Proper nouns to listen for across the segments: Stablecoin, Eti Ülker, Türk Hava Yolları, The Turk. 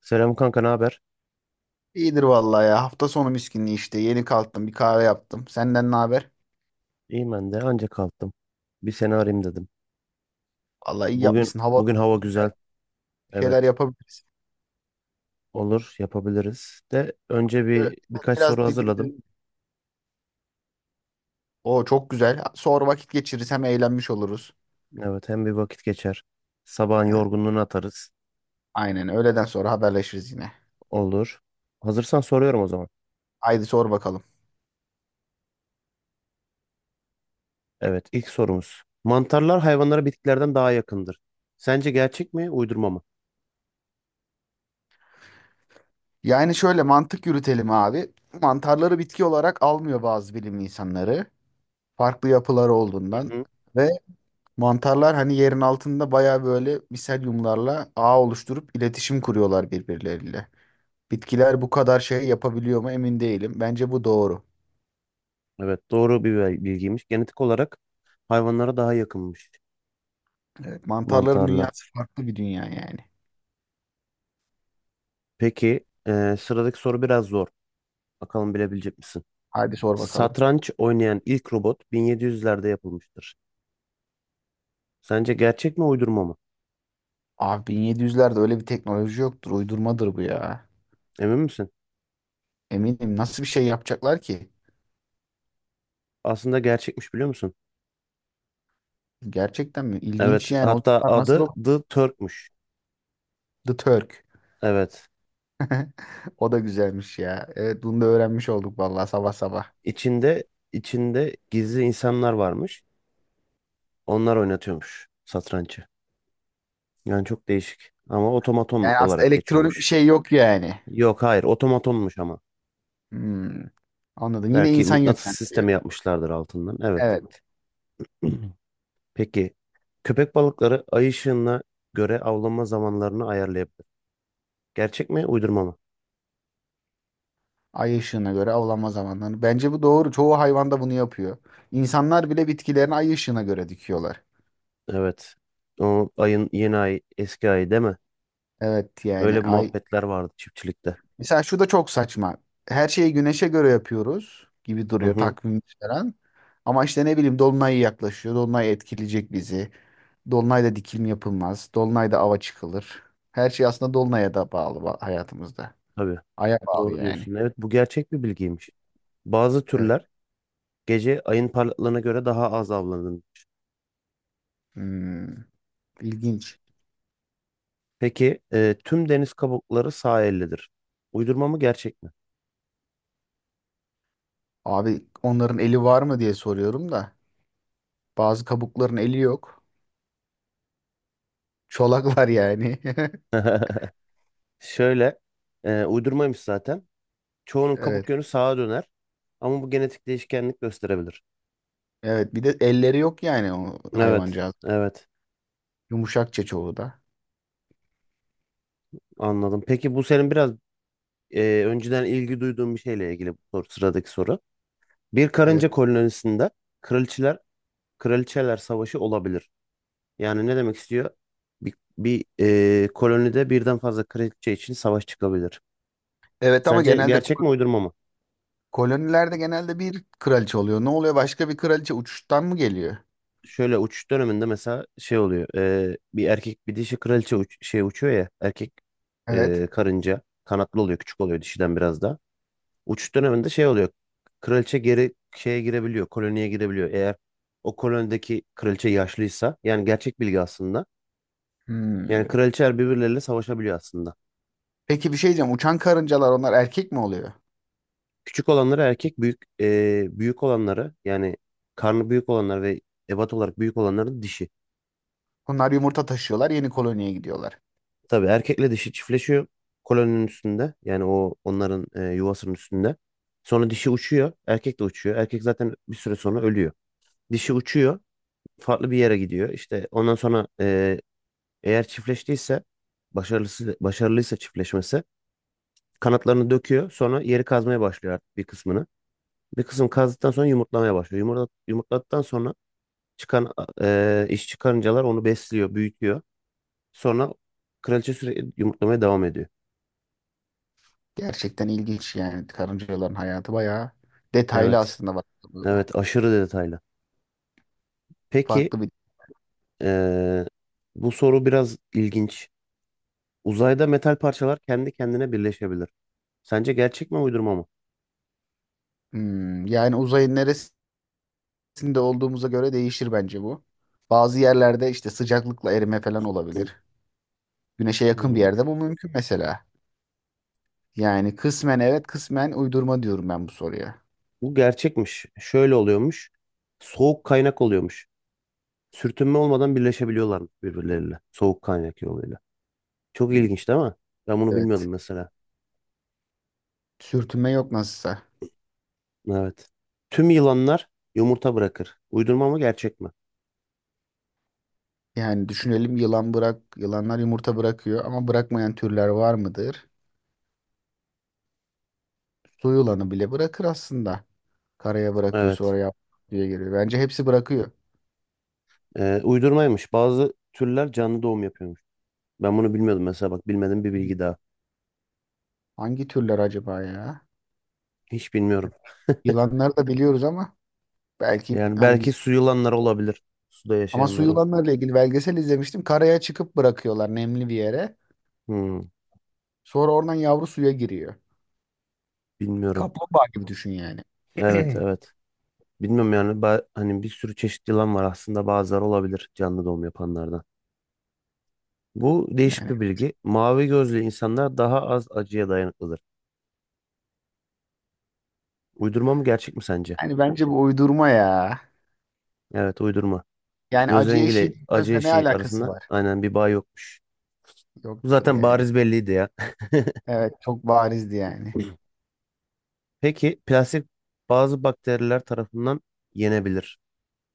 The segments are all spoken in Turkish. Selam kanka, ne haber? İyidir vallahi ya. Hafta sonu miskinliği işte. Yeni kalktım. Bir kahve yaptım. Senden ne haber? İyiyim ben de. Anca kalktım. Bir seni arayayım dedim. Vallahi iyi Bugün yapmışsın. Hava bugün hava güzel. güzel. Bir şeyler Evet, yapabiliriz. olur, yapabiliriz. De önce Şöyle birkaç soru biraz hazırladım. dinlenelim. O çok güzel. Sonra vakit geçiririz. Hem eğlenmiş oluruz. Evet, hem bir vakit geçer. Sabahın Evet. yorgunluğunu atarız. Aynen. Öğleden sonra haberleşiriz yine. Olur. Hazırsan soruyorum o zaman. Haydi sor bakalım. Evet, ilk sorumuz. Mantarlar hayvanlara bitkilerden daha yakındır. Sence gerçek mi, uydurma mı? Yani şöyle mantık yürütelim abi. Mantarları bitki olarak almıyor bazı bilim insanları. Farklı yapıları Hı olduğundan. hı. Ve mantarlar hani yerin altında baya böyle miselyumlarla ağ oluşturup iletişim kuruyorlar birbirleriyle. Bitkiler bu kadar şey yapabiliyor mu emin değilim. Bence bu doğru. Evet, doğru bir bilgiymiş. Genetik olarak hayvanlara daha yakınmış Evet, mantarların mantarlar. dünyası farklı bir dünya yani. Peki, sıradaki soru biraz zor. Bakalım bilebilecek misin? Hadi sor bakalım. Satranç oynayan ilk robot 1700'lerde yapılmıştır. Sence gerçek mi uydurma mı? Abi 1700'lerde öyle bir teknoloji yoktur. Uydurmadır bu ya. Emin misin? Eminim. Nasıl bir şey yapacaklar ki? Aslında gerçekmiş biliyor musun? Gerçekten mi? İlginç Evet. yani. O Hatta zamanlar nasıl adı o? The Turk'muş. The Turk. Evet. O da güzelmiş ya. Evet bunu da öğrenmiş olduk vallahi sabah sabah. İçinde içinde gizli insanlar varmış. Onlar oynatıyormuş satrancı. Yani çok değişik. Ama otomaton Yani aslında olarak elektronik bir geçiyormuş. şey yok yani. Yok hayır otomatonmuş ama. Hmm, anladım. Yine Belki insan mıknatıs yönlendiriyor. sistemi yapmışlardır altından. Evet. Evet. Peki köpek balıkları ay ışığına göre avlanma zamanlarını ayarlayabilir. Gerçek mi, uydurma mı? Ay ışığına göre avlanma zamanları. Bence bu doğru. Çoğu hayvan da bunu yapıyor. İnsanlar bile bitkilerini ay ışığına göre dikiyorlar. Evet. O ayın yeni ay, eski ay değil mi? Evet yani Öyle bir ay. muhabbetler vardı çiftçilikte. Mesela şu da çok saçma. Her şeyi güneşe göre yapıyoruz gibi Hı duruyor hı, takvim falan. Ama işte ne bileyim dolunay yaklaşıyor. Dolunay etkileyecek bizi. Dolunayda dikim yapılmaz. Dolunayda ava çıkılır. Her şey aslında dolunaya da bağlı hayatımızda. tabii. Aya bağlı Doğru yani. diyorsun. Evet, bu gerçek bir bilgiymiş. Bazı Evet. türler gece ayın parlaklığına göre daha az avlanır. Hmm, ilginç. Peki tüm deniz kabukları sağ ellidir. Uydurma mı, gerçek mi? Abi onların eli var mı diye soruyorum da. Bazı kabukların eli yok. Çolaklar yani. Şöyle, uydurmaymış zaten. Çoğunun kabuk Evet. yönü sağa döner. Ama bu genetik değişkenlik gösterebilir. Evet. Bir de elleri yok yani o Evet, hayvancağız. evet. Yumuşakça çoğu da. Anladım. Peki bu senin biraz önceden ilgi duyduğun bir şeyle ilgili bu soru, sıradaki soru. Bir Evet. karınca kolonisinde kraliçeler kraliçeler savaşı olabilir. Yani ne demek istiyor? Bir, bir Kolonide birden fazla kraliçe için savaş çıkabilir. Evet ama Sence genelde gerçek mi uydurma mı? kolonilerde genelde bir kraliçe oluyor. Ne oluyor? Başka bir kraliçe uçuştan mı geliyor? Şöyle uçuş döneminde mesela şey oluyor. Bir erkek bir dişi kraliçe uçuyor ya. Erkek Evet. Karınca kanatlı oluyor. Küçük oluyor dişiden biraz daha. Uçuş döneminde şey oluyor. Kraliçe geri şeye girebiliyor. Koloniye girebiliyor. Eğer o kolonideki kraliçe yaşlıysa yani gerçek bilgi aslında. Yani Hmm. kraliçeler birbirleriyle savaşabiliyor aslında. Peki bir şey diyeceğim. Uçan karıncalar onlar erkek mi oluyor? Küçük olanları erkek, büyük olanları yani karnı büyük olanlar ve ebat olarak büyük olanların dişi. Onlar yumurta taşıyorlar, yeni koloniye gidiyorlar. Tabii erkekle dişi çiftleşiyor koloninin üstünde. Yani o onların yuvasının üstünde. Sonra dişi uçuyor. Erkek de uçuyor. Erkek zaten bir süre sonra ölüyor. Dişi uçuyor. Farklı bir yere gidiyor. İşte ondan sonra eğer çiftleştiyse başarılıysa çiftleşmesi kanatlarını döküyor. Sonra yeri kazmaya başlıyor artık bir kısmını. Bir kısım kazdıktan sonra yumurtlamaya başlıyor. Yumurtladıktan sonra çıkan iş çıkarıncalar onu besliyor, büyütüyor. Sonra kraliçe sürekli yumurtlamaya devam ediyor. Gerçekten ilginç yani karıncaların hayatı bayağı detaylı Evet. aslında baktığımızda. Evet, aşırı detaylı. Peki, Farklı bir eee, bu soru biraz ilginç. Uzayda metal parçalar kendi kendine birleşebilir. Sence gerçek mi uydurma mı? Yani uzayın neresi de olduğumuza göre değişir bence bu. Bazı yerlerde işte sıcaklıkla erime falan Hı. olabilir. Güneşe yakın bir Hmm, yerde bu mümkün mesela. Yani kısmen evet kısmen uydurma diyorum ben bu soruya. Bu gerçekmiş. Şöyle oluyormuş. Soğuk kaynak oluyormuş. Sürtünme olmadan birleşebiliyorlar birbirleriyle. Soğuk kaynak yoluyla. Çok Hı. ilginç değil mi? Ben bunu Evet. bilmiyordum mesela. Sürtünme yok nasılsa. Evet. Tüm yılanlar yumurta bırakır. Uydurma mı gerçek mi? Yani düşünelim yılanlar yumurta bırakıyor ama bırakmayan türler var mıdır? Su yılanı bile bırakır aslında. Karaya bırakıyor Evet. sonra yap diye geliyor. Bence hepsi bırakıyor. Uydurmaymış. Bazı türler canlı doğum yapıyor. Ben bunu bilmiyordum mesela, bak, bilmediğim bir bilgi daha. Hangi türler acaba ya? Hiç bilmiyorum. Yılanlar da biliyoruz ama belki Yani hani. belki su yılanları olabilir. Suda Ama su Hı. yaşayanları. Yılanlarla ilgili belgesel izlemiştim. Karaya çıkıp bırakıyorlar nemli bir yere. Hmm, Sonra oradan yavru suya giriyor. Bilmiyorum. Kaplumbağa gibi düşün yani. Evet, evet. Bilmiyorum yani, hani bir sürü çeşit yılan var aslında, bazıları olabilir canlı doğum yapanlardan. Bu değişik Yani bir bilgi. Mavi gözlü insanlar daha az acıya dayanıklıdır. Uydurma mı gerçek mi sence? hani bence bu uydurma ya. Evet, uydurma. Yani Göz acı rengiyle eşiği acı gözle ne eşiği alakası arasında var? aynen bir bağ yokmuş. Bu Yoktur zaten yani. bariz belliydi ya. Evet çok barizdi yani. Peki plastik bazı bakteriler tarafından yenebilir.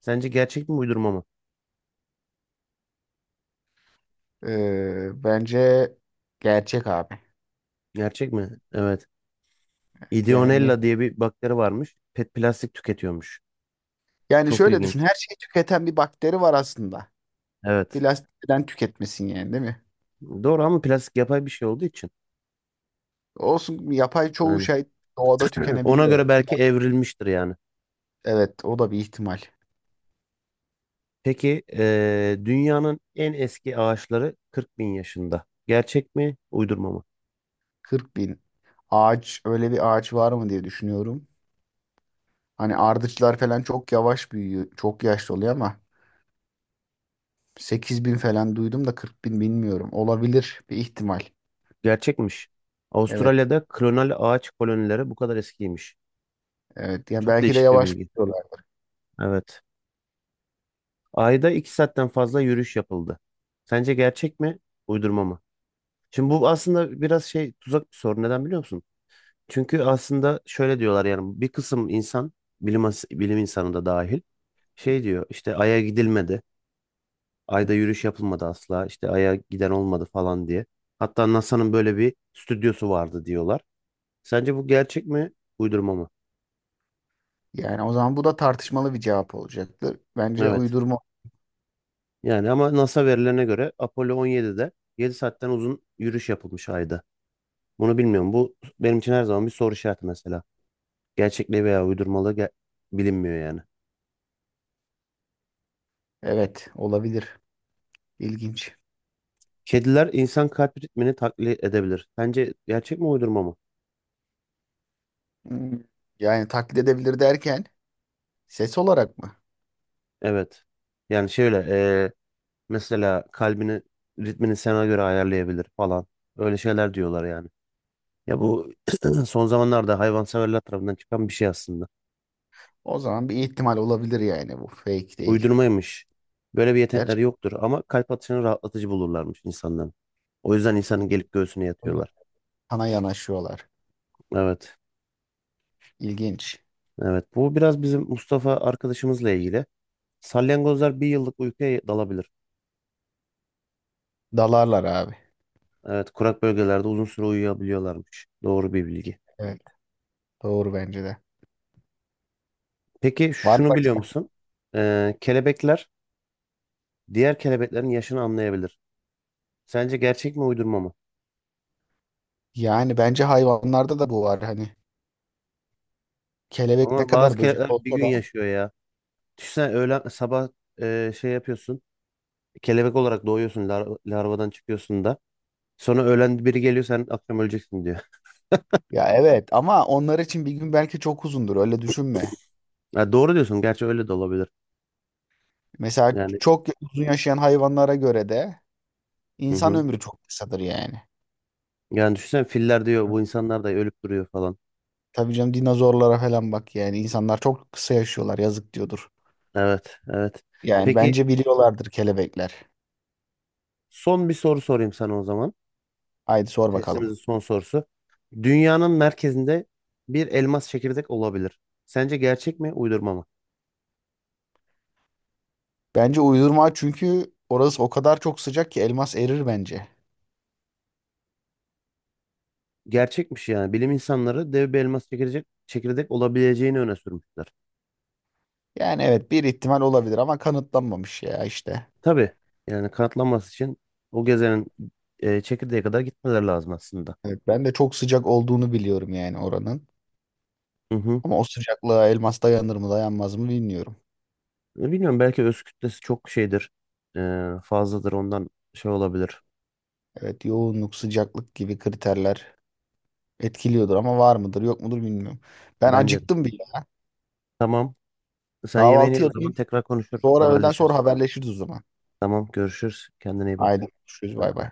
Sence gerçek mi uydurma mı? Bence gerçek abi. Gerçek mi? Evet. Yani Ideonella diye bir bakteri varmış. Pet plastik tüketiyormuş. yani Çok şöyle düşün. ilginç. Her şeyi tüketen bir bakteri var aslında. Evet. Plastikten tüketmesin yani değil mi? Doğru ama plastik yapay bir şey olduğu için. Olsun yapay çoğu Yani şey doğada ona tükenebiliyor. göre Yani. belki evrilmiştir yani. Evet o da bir ihtimal. Peki dünyanın en eski ağaçları 40 bin yaşında. Gerçek mi? Uydurma mı? 40 bin ağaç öyle bir ağaç var mı diye düşünüyorum. Hani ardıçlar falan çok yavaş büyüyor. Çok yaşlı oluyor ama 8 bin falan duydum da 40 bin bilmiyorum. Olabilir bir ihtimal. Gerçekmiş. Evet. Avustralya'da klonal ağaç kolonileri bu kadar eskiymiş. Evet. Yani Çok belki de değişik bir yavaş bilgi. büyüyorlar. Evet. Ayda 2 saatten fazla yürüyüş yapıldı. Sence gerçek mi, uydurma mı? Şimdi bu aslında biraz tuzak bir soru. Neden biliyor musun? Çünkü aslında şöyle diyorlar yani, bir kısım insan, bilim, bilim insanı da dahil, şey diyor işte: Ay'a gidilmedi, Ay'da yürüyüş yapılmadı asla, işte Ay'a giden olmadı falan diye. Hatta NASA'nın böyle bir stüdyosu vardı diyorlar. Sence bu gerçek mi, uydurma mı? Yani o zaman bu da tartışmalı bir cevap olacaktır. Bence Evet. uydurma. Yani ama NASA verilerine göre Apollo 17'de 7 saatten uzun yürüyüş yapılmış Ay'da. Bunu bilmiyorum. Bu benim için her zaman bir soru işareti mesela. Gerçekliği veya uydurmalığı bilinmiyor yani. Evet. Olabilir. İlginç. Kediler insan kalp ritmini taklit edebilir. Sence gerçek mi uydurma mı? Hmm. Yani taklit edebilir derken ses olarak mı? Evet. Yani şöyle mesela ritmini sana göre ayarlayabilir falan. Öyle şeyler diyorlar yani. Ya bu son zamanlarda hayvanseverler tarafından çıkan bir şey aslında. O zaman bir ihtimal olabilir yani bu fake değil. Uydurmaymış. Böyle bir yetenekleri yoktur ama kalp atışını rahatlatıcı bulurlarmış insanların. O yüzden insanın gelip göğsüne yatıyorlar. Gerçekten sana yanaşıyorlar. Evet. İlginç. Evet, bu biraz bizim Mustafa arkadaşımızla ilgili. Salyangozlar bir yıllık uykuya dalabilir. Dalarlar abi. Evet, kurak bölgelerde uzun süre uyuyabiliyorlarmış. Doğru bir bilgi. Evet, doğru bence de. Peki Var şunu biliyor başka. musun? Kelebekler diğer kelebeklerin yaşını anlayabilir. Sence gerçek mi uydurma mı? Yani bence hayvanlarda da bu var hani. Kelebek ne Ama bazı kadar böcek kelebekler bir olsa gün da. yaşıyor ya. Düşünsene, öğlen sabah şey yapıyorsun. Kelebek olarak doğuyorsun, larvadan çıkıyorsun da. Sonra öğlen biri geliyor, sen akşam öleceksin diyor. Ya evet ama onlar için bir gün belki çok uzundur öyle düşünme. Ha, doğru diyorsun. Gerçi öyle de olabilir. Mesela Yani, çok uzun yaşayan hayvanlara göre de hı insan hı. ömrü çok kısadır yani. Yani düşünsene, filler diyor Evet. bu insanlar da ölüp duruyor falan. Tabii canım dinozorlara falan bak yani insanlar çok kısa yaşıyorlar yazık diyordur. Evet, evet. Yani Peki bence biliyorlardır kelebekler. son bir soru sorayım sana o zaman. Haydi sor bakalım. Testimizin son sorusu. Dünyanın merkezinde bir elmas çekirdek olabilir. Sence gerçek mi, uydurma mı? Bence uydurma çünkü orası o kadar çok sıcak ki elmas erir bence. Gerçekmiş yani. Bilim insanları dev bir elmas çekirdek olabileceğini öne sürmüşler. Yani evet bir ihtimal olabilir ama kanıtlanmamış ya işte. Tabii yani kanıtlanması için o gezenin çekirdeğe kadar gitmeleri lazım aslında. Evet ben de çok sıcak olduğunu biliyorum yani oranın. Hı hı. Ama o sıcaklığa elmas dayanır mı dayanmaz mı bilmiyorum. Bilmiyorum, belki öz kütlesi çok şeydir. Fazladır, ondan şey olabilir. Evet yoğunluk, sıcaklık gibi kriterler etkiliyordur ama var mıdır yok mudur bilmiyorum. Ben Bence acıktım bile. Tamam. Sen yemeğini Kahvaltı ye o zaman, yapayım. tekrar konuşuruz, Sonra öğleden sonra haberleşiriz. haberleşiriz o zaman. Tamam, görüşürüz. Kendine iyi bak. Haydi görüşürüz bay Hadi bay. bay.